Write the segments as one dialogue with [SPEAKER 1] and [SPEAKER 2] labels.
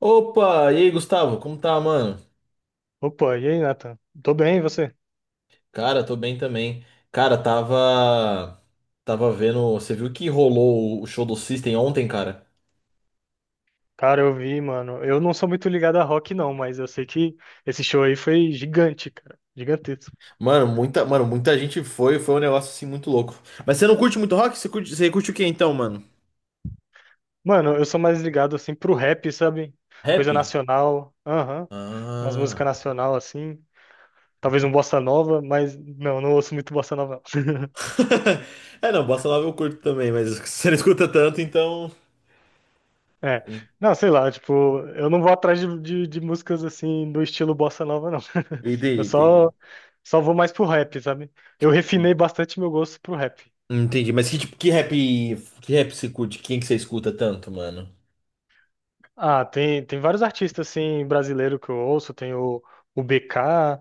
[SPEAKER 1] Opa, e aí, Gustavo, como tá, mano?
[SPEAKER 2] Opa, e aí, Nathan? Tô bem, e você?
[SPEAKER 1] Cara, tô bem também. Cara, tava vendo, você viu que rolou o show do System ontem, cara?
[SPEAKER 2] Cara, eu vi, mano. Eu não sou muito ligado a rock, não, mas eu sei que esse show aí foi gigante, cara. Gigantesco.
[SPEAKER 1] Mano, muita gente foi, foi um negócio assim muito louco. Mas você não curte muito rock? Você curte o que então, mano?
[SPEAKER 2] Mano, eu sou mais ligado, assim, pro rap, sabe?
[SPEAKER 1] Rap?
[SPEAKER 2] Coisa nacional. Aham. Umas músicas
[SPEAKER 1] Ah.
[SPEAKER 2] nacional, assim. Talvez um bossa nova, mas não ouço muito bossa nova.
[SPEAKER 1] É, não, bossa nova eu curto também, mas você não escuta tanto, então.
[SPEAKER 2] É. Não, sei lá, tipo, eu não vou atrás de músicas, assim, do estilo bossa nova, não.
[SPEAKER 1] Entendi,
[SPEAKER 2] Eu
[SPEAKER 1] entendi.
[SPEAKER 2] só, só vou mais pro rap, sabe? Eu refinei bastante meu gosto pro rap.
[SPEAKER 1] Entendi, mas que tipo, que rap você curte? Quem que você escuta tanto, mano?
[SPEAKER 2] Ah, tem vários artistas assim brasileiro que eu ouço, o BK,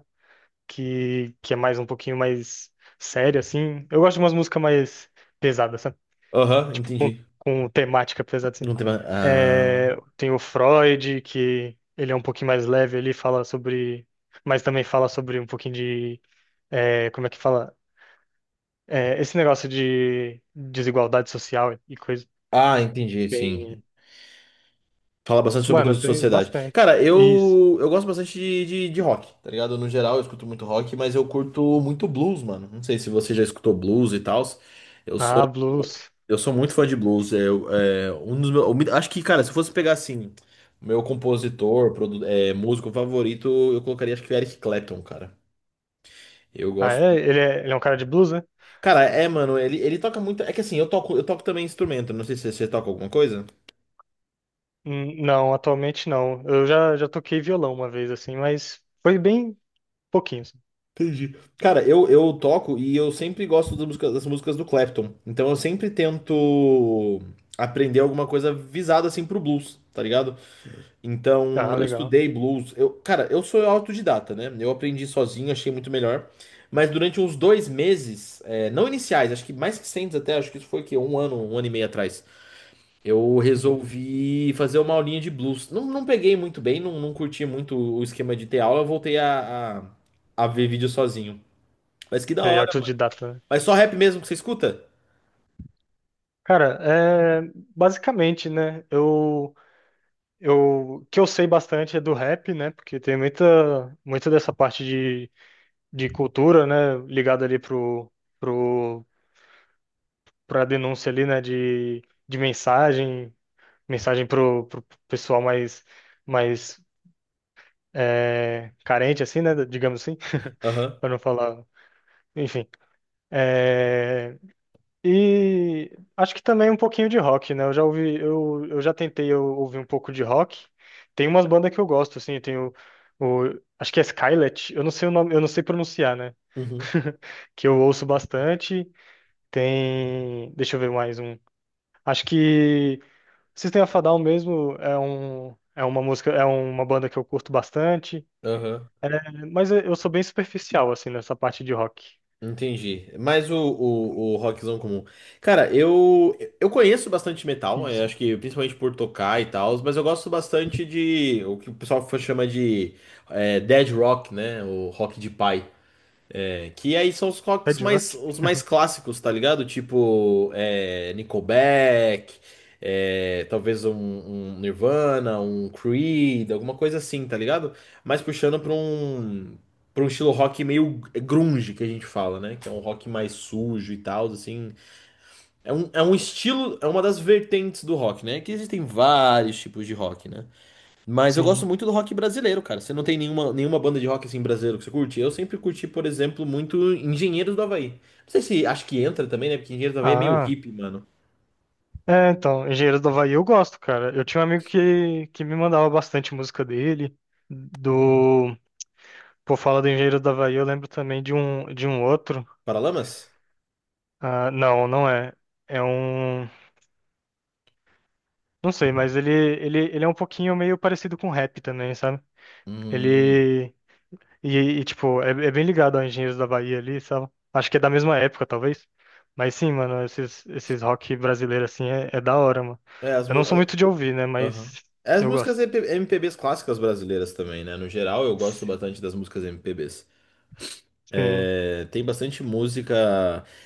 [SPEAKER 2] que é mais um pouquinho mais sério assim. Eu gosto de umas músicas mais pesadas, sabe?
[SPEAKER 1] Aham,
[SPEAKER 2] Com,
[SPEAKER 1] entendi.
[SPEAKER 2] com temática pesada assim.
[SPEAKER 1] Não tem mais. Ah,
[SPEAKER 2] É, tem o Freud, que ele é um pouquinho mais leve, mas também fala sobre um pouquinho de, é, como é que fala? É, esse negócio de desigualdade social e coisa.
[SPEAKER 1] ah, entendi, sim.
[SPEAKER 2] Tem,
[SPEAKER 1] Fala bastante sobre
[SPEAKER 2] mano,
[SPEAKER 1] coisas de
[SPEAKER 2] tem
[SPEAKER 1] sociedade.
[SPEAKER 2] bastante.
[SPEAKER 1] Cara,
[SPEAKER 2] Isso.
[SPEAKER 1] eu gosto bastante de rock, tá ligado? No geral, eu escuto muito rock, mas eu curto muito blues, mano. Não sei se você já escutou blues e tal. Eu sou,
[SPEAKER 2] Ah, blues.
[SPEAKER 1] eu sou muito fã de blues. Um dos meus, eu acho que, cara, se fosse pegar assim, meu compositor, músico favorito, eu colocaria acho que o Eric Clapton, cara. Eu
[SPEAKER 2] Ah,
[SPEAKER 1] gosto.
[SPEAKER 2] é? Ele é um cara de blues, né?
[SPEAKER 1] Cara, é, mano, ele toca muito. É que assim, eu toco também instrumento. Não sei se você toca alguma coisa.
[SPEAKER 2] Não, atualmente não. Já toquei violão uma vez, assim, mas foi bem pouquinho. Assim.
[SPEAKER 1] Entendi. Cara, eu toco e eu sempre gosto das músicas do Clapton. Então eu sempre tento aprender alguma coisa visada assim pro blues, tá ligado? Então
[SPEAKER 2] Ah,
[SPEAKER 1] eu
[SPEAKER 2] legal.
[SPEAKER 1] estudei blues. Eu, cara, eu sou autodidata, né? Eu aprendi sozinho, achei muito melhor. Mas durante uns dois meses, é, não iniciais, acho que mais recentes até, acho que isso foi o quê? Um ano e meio atrás. Eu
[SPEAKER 2] Uhum.
[SPEAKER 1] resolvi fazer uma aulinha de blues. Não, não peguei muito bem, não, não curti muito o esquema de ter aula, eu voltei a, a ver vídeo sozinho. Mas que da
[SPEAKER 2] E
[SPEAKER 1] hora.
[SPEAKER 2] autodidata, né?
[SPEAKER 1] Mas só rap mesmo que você escuta?
[SPEAKER 2] Cara, é, basicamente, né? O que eu sei bastante é do rap, né? Porque tem muita dessa parte de cultura, né? Ligada ali pro, pra denúncia ali, né? De mensagem, mensagem pro pessoal mais é, carente, assim, né? Digamos assim,
[SPEAKER 1] Aham.
[SPEAKER 2] para não falar. Enfim. É, e acho que também um pouquinho de rock, né? Eu já ouvi, eu já tentei eu, ouvir um pouco de rock. Tem umas bandas que eu gosto, assim, acho que é Skillet, eu não sei o nome, eu não sei pronunciar, né?
[SPEAKER 1] Uhum.
[SPEAKER 2] Que eu ouço bastante. Tem, deixa eu ver mais um. Acho que System of a Down mesmo é um, é uma música, é uma banda que eu curto bastante.
[SPEAKER 1] Aham.
[SPEAKER 2] É, mas eu sou bem superficial, assim, nessa parte de rock.
[SPEAKER 1] Entendi. Mas o, o rockzão comum. Cara, eu conheço bastante metal, eu
[SPEAKER 2] Isso.
[SPEAKER 1] acho que principalmente por tocar e tal, mas eu gosto bastante de o que o pessoal chama de dead rock, né? O rock de pai. É, que aí são os
[SPEAKER 2] É
[SPEAKER 1] rocks
[SPEAKER 2] de
[SPEAKER 1] mais,
[SPEAKER 2] rock?
[SPEAKER 1] os mais clássicos, tá ligado? Tipo, é, Nickelback, é, talvez um, um Nirvana, um Creed, alguma coisa assim, tá ligado? Mas puxando pra um estilo rock meio grunge, que a gente fala, né? Que é um rock mais sujo e tal, assim. É um estilo, é uma das vertentes do rock, né? Que existem vários tipos de rock, né? Mas eu gosto
[SPEAKER 2] Sim.
[SPEAKER 1] muito do rock brasileiro, cara. Você não tem nenhuma, nenhuma banda de rock assim brasileiro que você curte? Eu sempre curti, por exemplo, muito Engenheiros do Havaí. Não sei se acho que entra também, né? Porque Engenheiros do Havaí é meio
[SPEAKER 2] Ah,
[SPEAKER 1] hippie, mano.
[SPEAKER 2] é, então, Engenheiro do Havaí eu gosto, cara. Eu tinha um amigo que me mandava bastante música dele. Do. Por falar do Engenheiro do Havaí, eu lembro também de um outro.
[SPEAKER 1] Paralamas?
[SPEAKER 2] Ah, não, não é. É um. Não sei, mas ele é um pouquinho meio parecido com rap também, sabe?
[SPEAKER 1] Hum.
[SPEAKER 2] Ele. Tipo, é, é bem ligado a Engenheiros da Bahia ali, sabe? Acho que é da mesma época, talvez. Mas sim, mano, esses rock brasileiro assim é, é da hora, mano.
[SPEAKER 1] É, as,
[SPEAKER 2] Eu
[SPEAKER 1] mu-
[SPEAKER 2] não sou
[SPEAKER 1] ah,
[SPEAKER 2] muito de ouvir, né?
[SPEAKER 1] aham.
[SPEAKER 2] Mas
[SPEAKER 1] É, as
[SPEAKER 2] eu
[SPEAKER 1] músicas
[SPEAKER 2] gosto.
[SPEAKER 1] MP MPBs clássicas brasileiras também, né? No geral, eu gosto bastante das músicas MPBs.
[SPEAKER 2] Sim,
[SPEAKER 1] É, tem bastante música.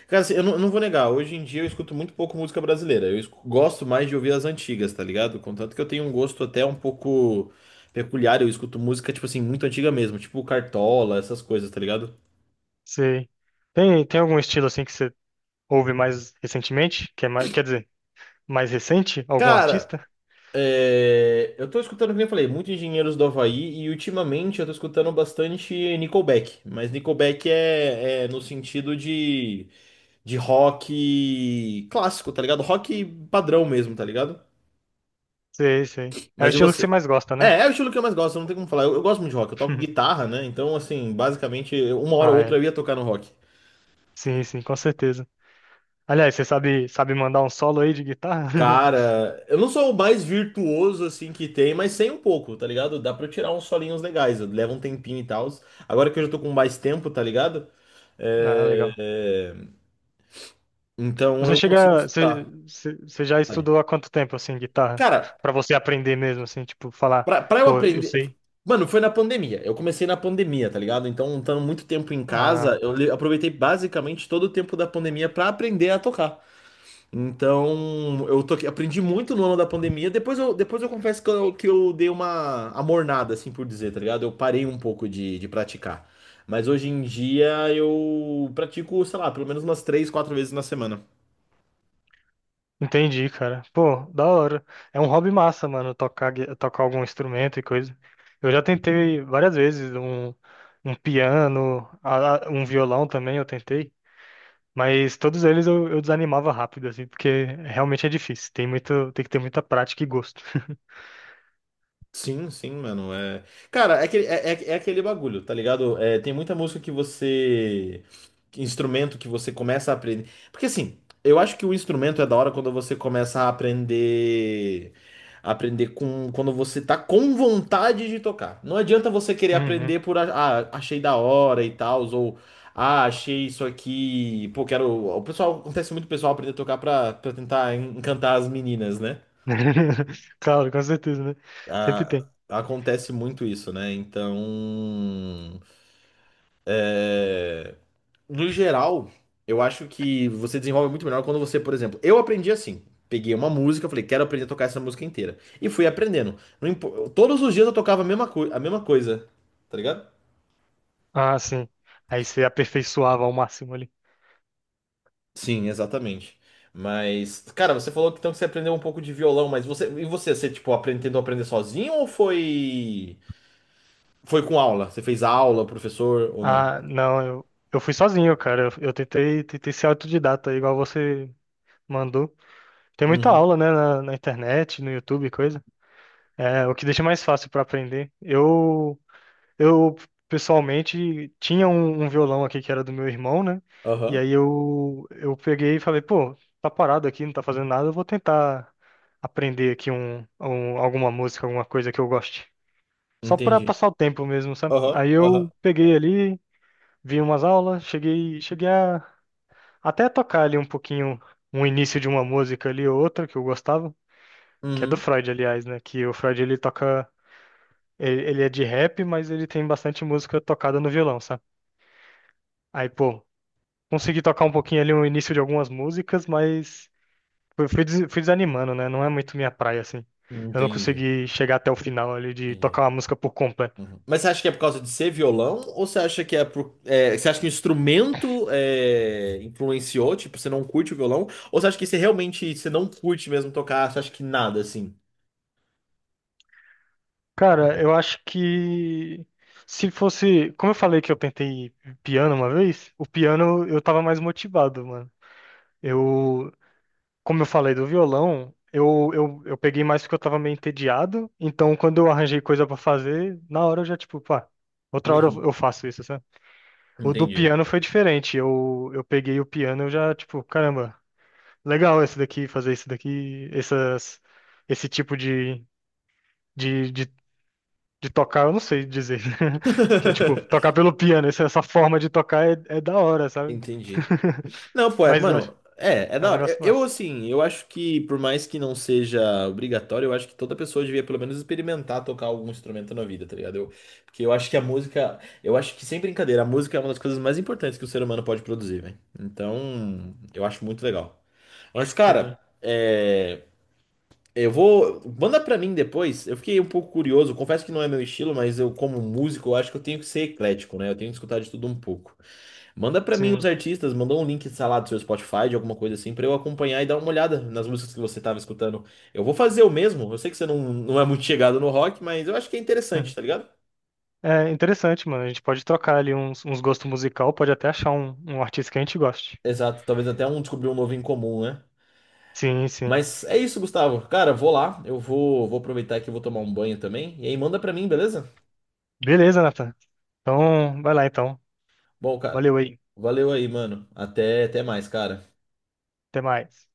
[SPEAKER 1] Cara, assim, eu não vou negar, hoje em dia eu escuto muito pouco música brasileira. Eu escu- gosto mais de ouvir as antigas, tá ligado? Contanto que eu tenho um gosto até um pouco peculiar. Eu escuto música, tipo assim, muito antiga mesmo, tipo Cartola, essas coisas, tá ligado?
[SPEAKER 2] sei. Tem, tem algum estilo assim que você ouve mais recentemente? Que é mais, quer dizer, mais recente? Algum
[SPEAKER 1] Cara,
[SPEAKER 2] artista?
[SPEAKER 1] é, eu tô escutando, como eu falei, muito Engenheiros do Havaí e ultimamente eu tô escutando bastante Nickelback. Mas Nickelback é no sentido de rock clássico, tá ligado? Rock padrão mesmo, tá ligado?
[SPEAKER 2] Sei, sei. É o
[SPEAKER 1] Mas e
[SPEAKER 2] estilo que
[SPEAKER 1] você?
[SPEAKER 2] você mais gosta, né?
[SPEAKER 1] É, é o estilo que eu mais gosto, não tem como falar. Eu gosto muito de rock, eu toco guitarra, né? Então, assim, basicamente, uma hora ou
[SPEAKER 2] Ah,
[SPEAKER 1] outra eu
[SPEAKER 2] é.
[SPEAKER 1] ia tocar no rock.
[SPEAKER 2] Sim, sim, com certeza. Aliás, você sabe, sabe mandar um solo aí de guitarra?
[SPEAKER 1] Cara, eu não sou o mais virtuoso, assim, que tem, mas sei um pouco, tá ligado? Dá pra eu tirar uns solinhos legais, leva um tempinho e tal. Agora que eu já tô com mais tempo, tá ligado?
[SPEAKER 2] Ah,
[SPEAKER 1] É,
[SPEAKER 2] legal.
[SPEAKER 1] é, então
[SPEAKER 2] Você
[SPEAKER 1] eu consigo
[SPEAKER 2] chega, você,
[SPEAKER 1] estudar.
[SPEAKER 2] você você já
[SPEAKER 1] Vale.
[SPEAKER 2] estudou há quanto tempo assim guitarra?
[SPEAKER 1] Cara,
[SPEAKER 2] Pra você aprender mesmo assim, tipo falar,
[SPEAKER 1] Pra eu
[SPEAKER 2] pô, eu
[SPEAKER 1] aprender.
[SPEAKER 2] sei.
[SPEAKER 1] Mano, foi na pandemia. Eu comecei na pandemia, tá ligado? Então, estando muito tempo em casa,
[SPEAKER 2] Ah,
[SPEAKER 1] aproveitei basicamente todo o tempo da pandemia pra aprender a tocar. Então, eu toquei, aprendi muito no ano da pandemia. Depois eu confesso que que eu dei uma amornada, assim por dizer, tá ligado? Eu parei um pouco de, praticar. Mas hoje em dia eu pratico, sei lá, pelo menos umas três, quatro vezes na semana.
[SPEAKER 2] entendi, cara. Pô, da hora. É um hobby massa, mano, tocar gui- tocar algum instrumento e coisa. Eu já tentei várias vezes um piano, a- um violão também eu tentei. Mas todos eles eu desanimava rápido, assim, porque realmente é difícil. Tem muito, tem que ter muita prática e gosto.
[SPEAKER 1] Sim, sim, mano. É... Cara, é aquele, é aquele bagulho, tá ligado? É, tem muita música que você. Que instrumento que você começa a aprender. Porque assim, eu acho que o instrumento é da hora quando você começa a aprender. Aprender com. Quando você tá com vontade de tocar. Não adianta você querer
[SPEAKER 2] Uhum.
[SPEAKER 1] aprender por. A- Ah, achei da hora e tal, ou. Ah, achei isso aqui. Pô, quero. O pessoal. Acontece muito o pessoal aprender a tocar pra tentar encantar as meninas, né?
[SPEAKER 2] Claro, com certeza, né? Sempre
[SPEAKER 1] a-
[SPEAKER 2] tem.
[SPEAKER 1] acontece muito isso, né? Então, é, no geral, eu acho que você desenvolve muito melhor quando você, por exemplo, eu aprendi assim. Peguei uma música, falei, quero aprender a tocar essa música inteira. E fui aprendendo. Não impo- Todos os dias eu tocava a mesma, a mesma coisa, tá ligado?
[SPEAKER 2] Ah, sim. Aí você aperfeiçoava ao máximo ali.
[SPEAKER 1] Sim, exatamente. Mas, cara, você falou que então que você aprendeu um pouco de violão, mas você e você, você tipo aprende, tentou aprender sozinho ou foi foi com aula? Você fez aula, professor ou não?
[SPEAKER 2] Ah, não, eu fui sozinho, cara. Eu tentei, tentei ser autodidata, igual você mandou. Tem muita
[SPEAKER 1] Uhum.
[SPEAKER 2] aula, né, na internet, no YouTube, e coisa. É, o que deixa mais fácil para aprender. Eu pessoalmente tinha um violão aqui que era do meu irmão, né? E
[SPEAKER 1] Aham.
[SPEAKER 2] aí eu peguei e falei, pô, tá parado aqui, não tá fazendo nada, eu vou tentar aprender aqui alguma música, alguma coisa que eu goste. Só para
[SPEAKER 1] Entendi.
[SPEAKER 2] passar o tempo mesmo, sabe?
[SPEAKER 1] Aham,
[SPEAKER 2] Aí eu
[SPEAKER 1] aham.
[SPEAKER 2] peguei ali, vi umas aulas, cheguei a até tocar ali um pouquinho, um início de uma música ali ou outra que eu gostava. Que é do
[SPEAKER 1] Uhum.
[SPEAKER 2] Freud, aliás, né? Que o Freud ele toca, ele é de rap, mas ele tem bastante música tocada no violão, sabe? Aí, pô, consegui tocar um pouquinho ali no início de algumas músicas, mas fui desanimando, né? Não é muito minha praia, assim. Eu não
[SPEAKER 1] Entendi.
[SPEAKER 2] consegui chegar até o final ali de tocar
[SPEAKER 1] Entendi.
[SPEAKER 2] uma música por completo.
[SPEAKER 1] Uhum. Mas você acha que é por causa de ser violão? Ou você acha que é por. É, você acha que o instrumento é, influenciou? Tipo, você não curte o violão? Ou você acha que você realmente você não curte mesmo tocar? Você acha que nada assim?
[SPEAKER 2] Cara, eu acho que se fosse, como eu falei que eu tentei piano uma vez, o piano eu tava mais motivado, mano. Eu, como eu falei do violão, eu peguei mais porque eu tava meio entediado. Então, quando eu arranjei coisa pra fazer, na hora eu já, tipo, pá, outra hora
[SPEAKER 1] Uhum.
[SPEAKER 2] eu faço isso, sabe? O do
[SPEAKER 1] Entendi.
[SPEAKER 2] piano foi diferente. Eu peguei o piano, eu já, tipo, caramba, legal esse daqui, fazer isso daqui, essas, esse tipo de, de, de tocar, eu não sei dizer. Que é, tipo, tocar pelo piano, essa forma de tocar é, é da hora, sabe?
[SPEAKER 1] Entendi. Não, pô, é,
[SPEAKER 2] Mas eu acho-
[SPEAKER 1] mano, é, é
[SPEAKER 2] é um
[SPEAKER 1] da hora.
[SPEAKER 2] negócio massa.
[SPEAKER 1] Assim, eu acho que, por mais que não seja obrigatório, eu acho que toda pessoa devia pelo menos experimentar tocar algum instrumento na vida, tá ligado? Eu, porque eu acho que a música, eu acho que, sem brincadeira, a música é uma das coisas mais importantes que o ser humano pode produzir, velho. Então, eu acho muito legal. Mas, cara,
[SPEAKER 2] Sim,
[SPEAKER 1] é, eu vou. Manda pra mim depois. Eu fiquei um pouco curioso, confesso que não é meu estilo, mas eu, como músico, eu acho que eu tenho que ser eclético, né? Eu tenho que escutar de tudo um pouco. Manda pra mim os
[SPEAKER 2] sim.
[SPEAKER 1] artistas, manda um link, sei lá, do seu Spotify, de alguma coisa assim, pra eu acompanhar e dar uma olhada nas músicas que você tava escutando. Eu vou fazer o mesmo. Eu sei que você não, não é muito chegado no rock, mas eu acho que é interessante, tá ligado?
[SPEAKER 2] É interessante, mano. A gente pode trocar ali uns, uns gostos musical, pode até achar um artista que a gente goste.
[SPEAKER 1] Exato, talvez até um descobrir um novo em comum, né?
[SPEAKER 2] Sim, sim.
[SPEAKER 1] Mas é isso, Gustavo. Cara, vou lá, vou aproveitar que eu vou tomar um banho também. E aí manda pra mim, beleza?
[SPEAKER 2] Beleza, Nathan. Então, vai lá então.
[SPEAKER 1] Bom, cara,
[SPEAKER 2] Valeu aí.
[SPEAKER 1] valeu aí, mano. Até, até mais, cara.
[SPEAKER 2] Até mais.